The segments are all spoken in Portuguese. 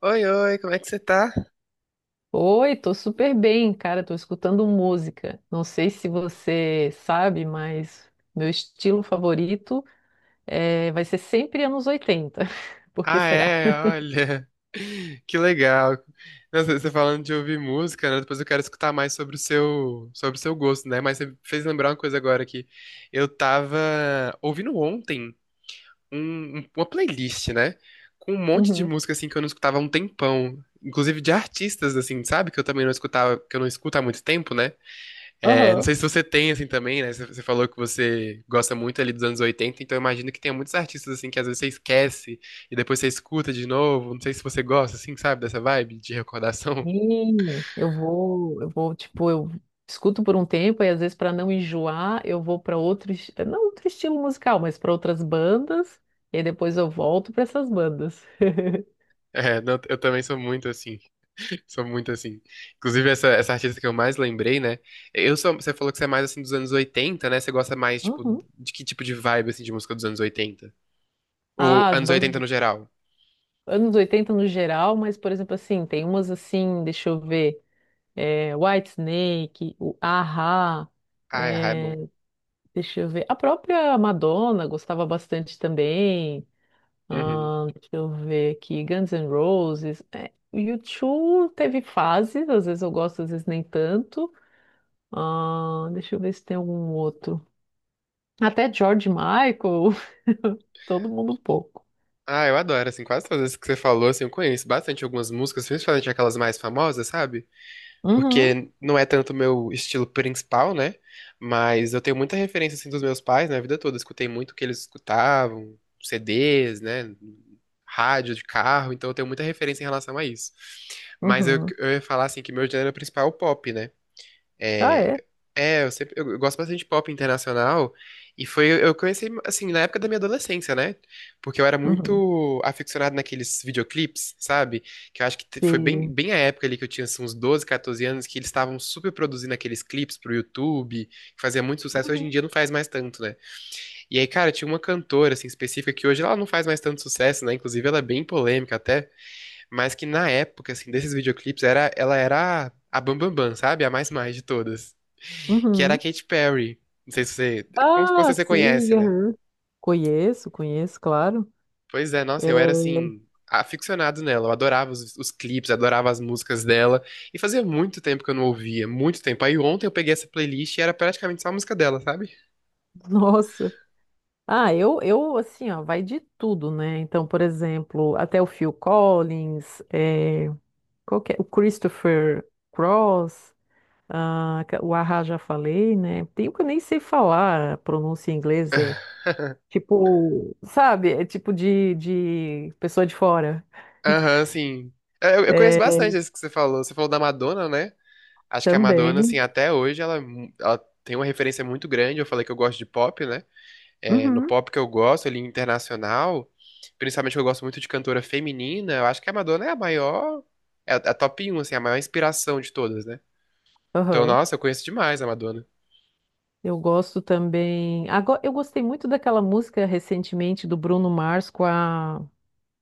Oi, oi, como é que você tá? Oi, tô super bem, cara. Tô escutando música. Não sei se você sabe, mas meu estilo favorito vai ser sempre anos 80. Por que Ah, será? é, olha. Que legal. Nossa, você falando de ouvir música, né? Depois eu quero escutar mais sobre o seu gosto, né? Mas você fez lembrar uma coisa agora que eu tava ouvindo ontem uma playlist, né? Com um monte de Uhum. música assim que eu não escutava há um tempão, inclusive de artistas assim, sabe? Que eu também não escutava, que eu não escuto há muito tempo, né? É, não Aham. sei se você tem, assim, também, né? Você falou que você gosta muito ali dos anos 80, então eu imagino que tem muitos artistas, assim, que às vezes você esquece e depois você escuta de novo. Não sei se você gosta, assim, sabe, dessa vibe de recordação. Tipo, eu escuto por um tempo e às vezes para não enjoar, eu vou para outro, não outro estilo musical, mas para outras bandas, e aí depois eu volto para essas bandas. É, não, eu também sou muito assim, sou muito assim. Inclusive, essa artista que eu mais lembrei, né? Eu sou, você falou que você é mais, assim, dos anos 80, né? Você gosta mais, tipo, Uhum. de que tipo de vibe, assim, de música dos anos 80? Ah, Ou as anos 80 bandas. no geral? Anos 80 no geral, mas, por exemplo, assim, tem umas assim, deixa eu ver, é, Whitesnake, o A-ha, Ah, é, é bom. deixa eu ver, a própria Madonna gostava bastante também. Uhum. Deixa eu ver aqui, Guns N' Roses, é, o U2 teve fases, às vezes eu gosto, às vezes nem tanto. Deixa eu ver se tem algum outro, até George Michael, todo mundo um pouco. Ah, eu adoro, assim, quase todas as que você falou, assim, eu conheço bastante algumas músicas, principalmente aquelas mais famosas, sabe? Uhum. Porque não é tanto o meu estilo principal, né? Mas eu tenho muita referência, assim, dos meus pais na vida toda. Escutei muito o que eles escutavam, CDs, né? Rádio de carro, então eu tenho muita referência em relação a isso. Mas eu, Uhum. eu ia falar, assim, que meu gênero principal é o pop, né? Ah, É, é. é, eu gosto bastante de pop internacional e foi eu conheci assim na época da minha adolescência, né? Porque eu era Uhum. muito aficionado naqueles videoclipes, sabe? Que eu acho que foi Sim. bem a época ali que eu tinha assim, uns 12, 14 anos que eles estavam super produzindo aqueles clipes pro YouTube, que fazia muito sucesso, hoje Uhum. em dia não faz mais tanto, né? E aí, cara, tinha uma cantora assim específica que hoje ela não faz mais tanto sucesso, né? Inclusive ela é bem polêmica até, mas que na época assim desses videoclipes era ela era a Bam Bam Bam, sabe? A mais de todas que era a Uhum. Katy Perry. Não sei se você. Com Ah, certeza você conhece, sim, né? aham. Conheço, conheço, claro. Pois é, É, nossa, eu era assim, aficionado nela. Eu adorava os clipes, adorava as músicas dela. E fazia muito tempo que eu não ouvia, muito tempo. Aí ontem eu peguei essa playlist e era praticamente só a música dela, sabe? nossa. Ah, assim, ó, vai de tudo, né? Então, por exemplo, até o Phil Collins, é, qual que é? O Christopher Cross, ah, o Ahá já falei, né? Tem um que eu nem sei falar, a pronúncia em inglês é tipo, sabe? É tipo de pessoa de fora. Aham, sim. É, eu, conheço É, bastante isso que você falou. Você falou da Madonna, né? Acho que a Madonna, assim, também. até hoje, ela tem uma referência muito grande. Eu falei que eu gosto de pop, né? É, no Uhum, pop que eu gosto, ali, internacional, principalmente que eu gosto muito de cantora feminina, eu acho que a Madonna é a maior, é a top 1, assim, a maior inspiração de todas, né? Então, aham. nossa, eu conheço demais a Madonna. Eu gosto também. Agora, eu gostei muito daquela música recentemente do Bruno Mars com a.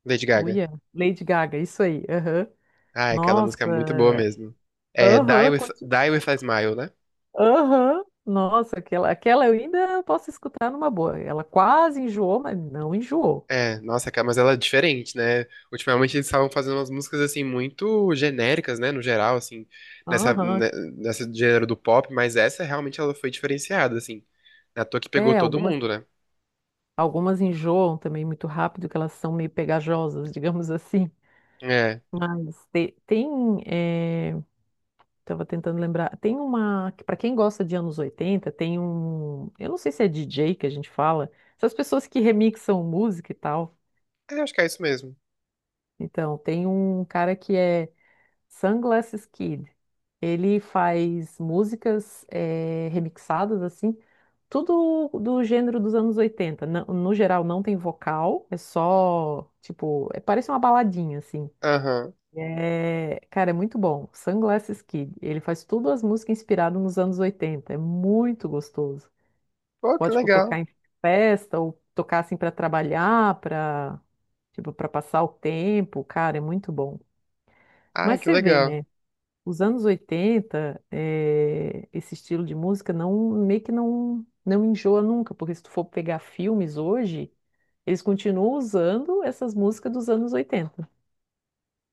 Lady Gaga. Uia, Lady Gaga, isso aí. Aham. Ah, aquela música é muito boa Nossa, mesmo. É aham, Die With a Smile, né? aham. Nossa, aquela eu ainda posso escutar numa boa. Ela quase enjoou, mas não enjoou. É, nossa, cara, mas ela é diferente, né? Ultimamente eles estavam fazendo umas músicas assim muito genéricas, né, no geral, assim, nessa Aham. né, nessa gênero do pop, mas essa realmente ela foi diferenciada, assim. Na toa que pegou É, todo algumas, mundo, né? algumas enjoam também muito rápido, que elas são meio pegajosas, digamos assim. É. Mas tem. Tava tentando lembrar. Tem uma, para quem gosta de anos 80, tem um, eu não sei se é DJ que a gente fala, essas pessoas que remixam música e tal. É, acho que é isso mesmo. Então, tem um cara que é Sunglasses Kid. Ele faz músicas remixadas assim, tudo do gênero dos anos 80. No geral não tem vocal, é só, tipo, parece uma baladinha assim. Aham. É, cara, é muito bom. Sunglasses Kid. Ele faz tudo as músicas inspiradas nos anos 80. É muito gostoso. Pô, que Pode tocar legal. em festa ou tocar assim para trabalhar, para, tipo, para passar o tempo. Cara, é muito bom. Ai, Mas que você vê, legal. né? Os anos 80 é, esse estilo de música, não meio que não enjoa nunca, porque se tu for pegar filmes hoje, eles continuam usando essas músicas dos anos 80.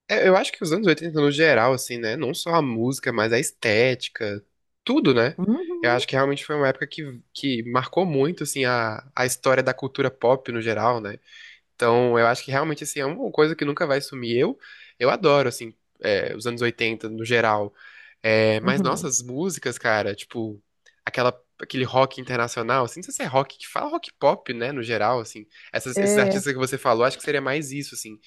É, eu acho que os anos 80 no geral, assim, né? Não só a música, mas a estética, tudo, né? Eu Uhum. acho que realmente foi uma época que marcou muito, assim, a história da cultura pop no geral, né? Então, eu acho que realmente assim, é uma coisa que nunca vai sumir. Eu adoro, assim, é, os anos 80 no geral. É, mas Uhum. nossas músicas, cara, tipo, aquela, aquele rock internacional, assim, não sei se é rock que fala rock pop, né, no geral, assim. Esses É, artistas que você falou, acho que seria mais isso, assim.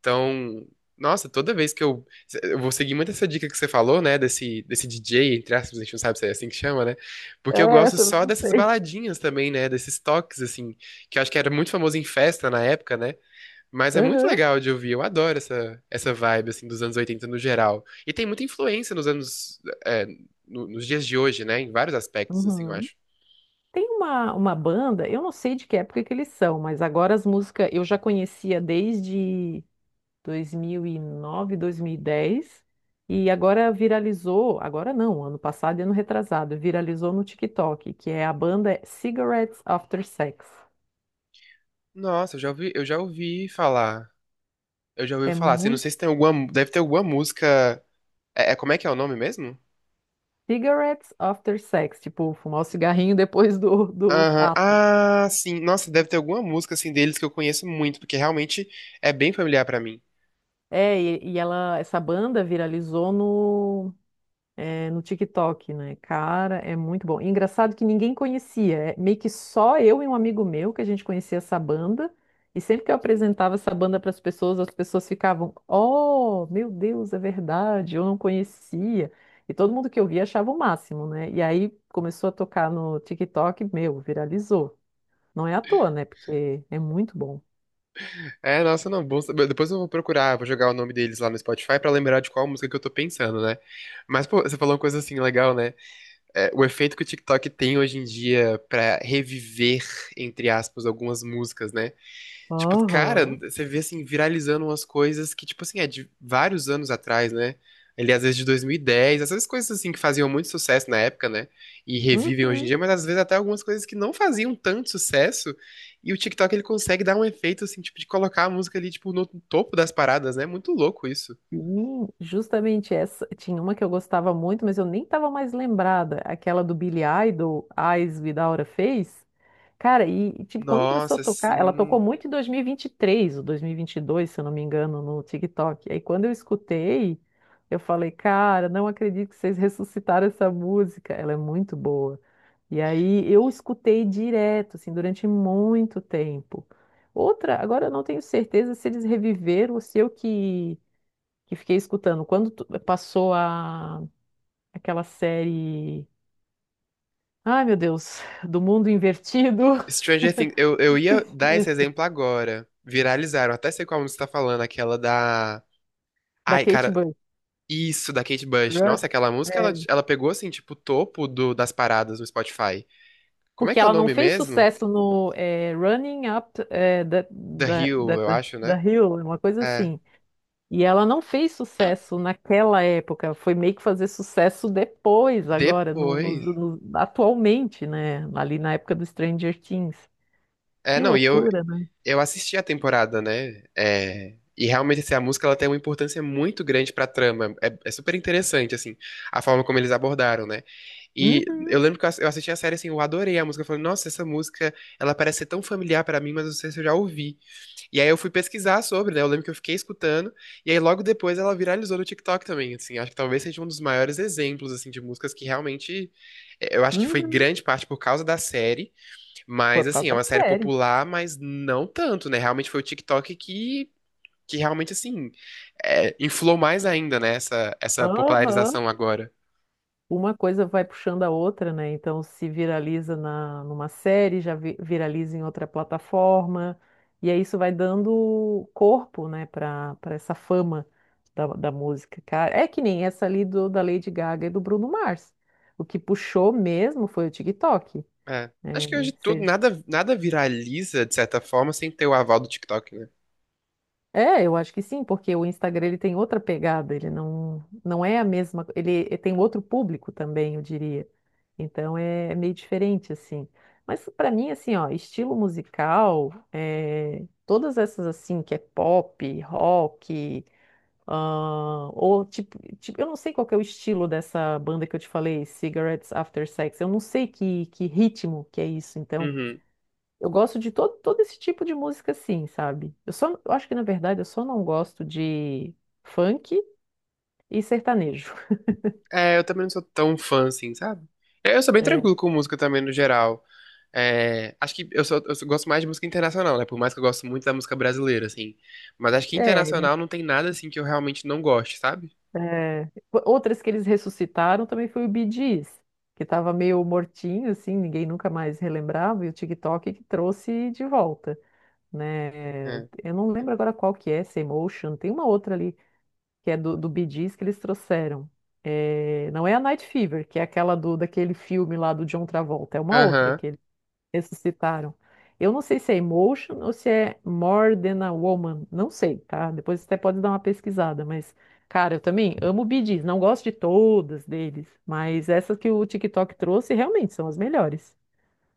Então, nossa, toda vez que eu. Eu vou seguir muito essa dica que você falou, né, desse DJ, entre aspas, a gente não sabe se é assim que chama, né? Porque eu é, eu gosto também só não dessas sei. baladinhas também, né, desses toques, assim, que eu acho que era muito famoso em festa na época, né? Mas é muito Aham. legal de ouvir, eu adoro essa vibe, assim, dos anos 80 no geral. E tem muita influência nos anos, é, nos dias de hoje, né? Em vários aspectos, assim, eu Uhum. acho. Tem uma, banda, eu não sei de que época que eles são, mas agora as músicas eu já conhecia desde 2009, 2010, e nove, 2010, e agora viralizou, agora não, ano passado e ano retrasado, viralizou no TikTok, que é a banda Cigarettes After Sex. Nossa, eu já ouvi falar. Eu já ouvi É falar, assim, não muito. sei se tem alguma, deve ter alguma música, como é que é o nome mesmo? Cigarettes After Sex, tipo, fumar o cigarrinho depois do Aham. ato. Ah, sim, nossa, deve ter alguma música, assim, deles que eu conheço muito, porque realmente é bem familiar pra mim. É, e ela, essa banda viralizou, é, no TikTok, né? Cara, é muito bom. E engraçado que ninguém conhecia, é meio que só eu e um amigo meu que a gente conhecia essa banda. E sempre que eu apresentava essa banda para as pessoas ficavam: Oh, meu Deus, é verdade, eu não conhecia. E todo mundo que eu via achava o máximo, né? E aí começou a tocar no TikTok, meu, viralizou. Não é à toa, né? Porque é muito bom. É, nossa, não, bom saber. Depois eu vou procurar, vou jogar o nome deles lá no Spotify pra lembrar de qual música que eu tô pensando, né? Mas, pô, você falou uma coisa assim legal, né? É, o efeito que o TikTok tem hoje em dia pra reviver, entre aspas, algumas músicas, né? Tipo, cara, Aham. você vê assim, viralizando umas coisas que, tipo assim, é de vários anos atrás, né? Ele, às vezes, de 2010, essas coisas assim que faziam muito sucesso na época, né? E revivem hoje em Uhum. dia, mas às vezes até algumas coisas que não faziam tanto sucesso. E o TikTok ele consegue dar um efeito, assim, tipo, de colocar a música ali, tipo, no topo das paradas, né? Muito louco isso. Sim, justamente essa. Tinha uma que eu gostava muito, mas eu nem tava mais lembrada. Aquela do Billy Idol, Eyes Without a Face. Cara, tipo, quando começou a Nossa, tocar, ela sim. tocou muito em 2023 ou 2022, se eu não me engano, no TikTok. Aí quando eu escutei, eu falei, cara, não acredito que vocês ressuscitaram essa música. Ela é muito boa. E aí eu escutei direto, assim, durante muito tempo. Outra, agora eu não tenho certeza se eles reviveram ou se eu que fiquei escutando. Quando passou a, aquela série. Ai, meu Deus, do mundo invertido. Stranger Things, eu, ia dar esse Isso, exemplo agora. Viralizaram, até sei qual música você tá falando, aquela da. da Ai, Kate cara, Bush. isso, da Kate Bush. Run- Nossa, aquela música, é, ela pegou, assim, tipo, o topo das paradas no Spotify. Como é porque que é o ela não nome fez mesmo? sucesso no Running Up The Hill, eu acho, né? da Hill, uma coisa É. assim. E ela não fez sucesso naquela época, foi meio que fazer sucesso depois, agora, Depois... atualmente, né? Ali na época do Stranger Things. É, Que não, e loucura, né? eu assisti a temporada, né? É, e realmente, assim, a música, ela tem uma importância muito grande pra trama. É, é super interessante, assim, a forma como eles abordaram, né? E Uhum. eu lembro que eu eu assisti a série, assim, eu adorei a música. Eu falei, nossa, essa música, ela parece ser tão familiar pra mim, mas eu não sei se eu já ouvi. E aí eu fui pesquisar sobre, né? Eu lembro que eu fiquei escutando, e aí logo depois ela viralizou no TikTok também, assim. Acho que talvez seja um dos maiores exemplos, assim, de músicas que realmente... eu acho que foi Uhum. grande parte por causa da série, Foi mas, por assim, causa é uma da série série. popular, mas não tanto, né? Realmente foi o TikTok que realmente, assim, inflou mais ainda, né? Essa Aham. popularização agora. Uma coisa vai puxando a outra, né? Então, se viraliza na, numa série, já viraliza em outra plataforma, e aí isso vai dando corpo, né, para essa fama da música, cara. É que nem essa ali do, da Lady Gaga e do Bruno Mars. O que puxou mesmo foi o TikTok. É. Acho que hoje tudo, nada viraliza, de certa forma, sem ter o aval do TikTok, né? É, eu acho que sim, porque o Instagram ele tem outra pegada, ele não é a mesma, ele tem outro público também, eu diria. Então é, é meio diferente assim. Mas pra mim assim, ó, estilo musical, é, todas essas assim que é pop, rock, ah, ou eu não sei qual que é o estilo dessa banda que eu te falei, Cigarettes After Sex. Eu não sei que ritmo que é isso. Então Uhum. eu gosto de todo esse tipo de música, assim, sabe? Eu só, eu acho que na verdade eu só não gosto de funk e sertanejo. É, eu também não sou tão fã assim, sabe? É, eu sou bem tranquilo com música também, no geral. É, acho que eu, gosto mais de música internacional, né? Por mais que eu gosto muito da música brasileira, assim. Mas acho que É, é, internacional não tem nada, assim, que eu realmente não goste, sabe? é. Outras que eles ressuscitaram também foi o Bee Gees, que estava meio mortinho, assim, ninguém nunca mais relembrava, e o TikTok que trouxe de volta, né? É. Eu não lembro agora qual que é, essa Emotion, tem uma outra ali que é do Bee Gees que eles trouxeram. É, não é a Night Fever, que é aquela do, daquele filme lá do John Travolta, é uma outra Aham. que ressuscitaram. Eu não sei se é Emotion ou se é More Than a Woman, não sei, tá? Depois você até pode dar uma pesquisada, mas, cara, eu também amo Bee Gees, não gosto de todas deles, mas essas que o TikTok trouxe realmente são as melhores.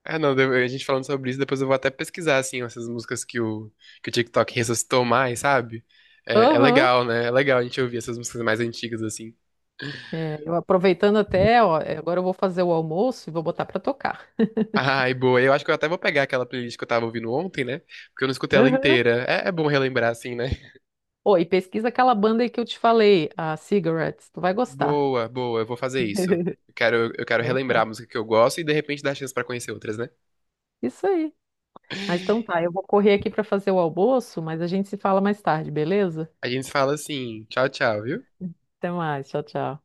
É, não, a gente falando sobre isso, depois eu vou até pesquisar, assim, essas músicas que o TikTok ressuscitou mais, sabe? É, é Aham. legal, né? É legal a gente ouvir essas músicas mais antigas, assim. É, eu aproveitando até, ó, é, agora eu vou fazer o almoço e vou botar pra tocar. Ai, boa. Eu acho que eu até vou pegar aquela playlist que eu tava ouvindo ontem, né? Porque eu não escutei ela Aham. inteira. É, é bom relembrar, assim, né? Ô, e pesquisa aquela banda aí que eu te falei, a Cigarettes, tu vai gostar. Boa, boa, eu vou fazer isso. Eu quero, Então relembrar tá. a música que eu gosto e de repente dar chance pra conhecer outras, né? Isso aí. Mas então tá, eu vou correr aqui pra fazer o almoço, mas a gente se fala mais tarde, beleza? A gente fala assim, tchau, tchau, viu? Até mais. Tchau, tchau.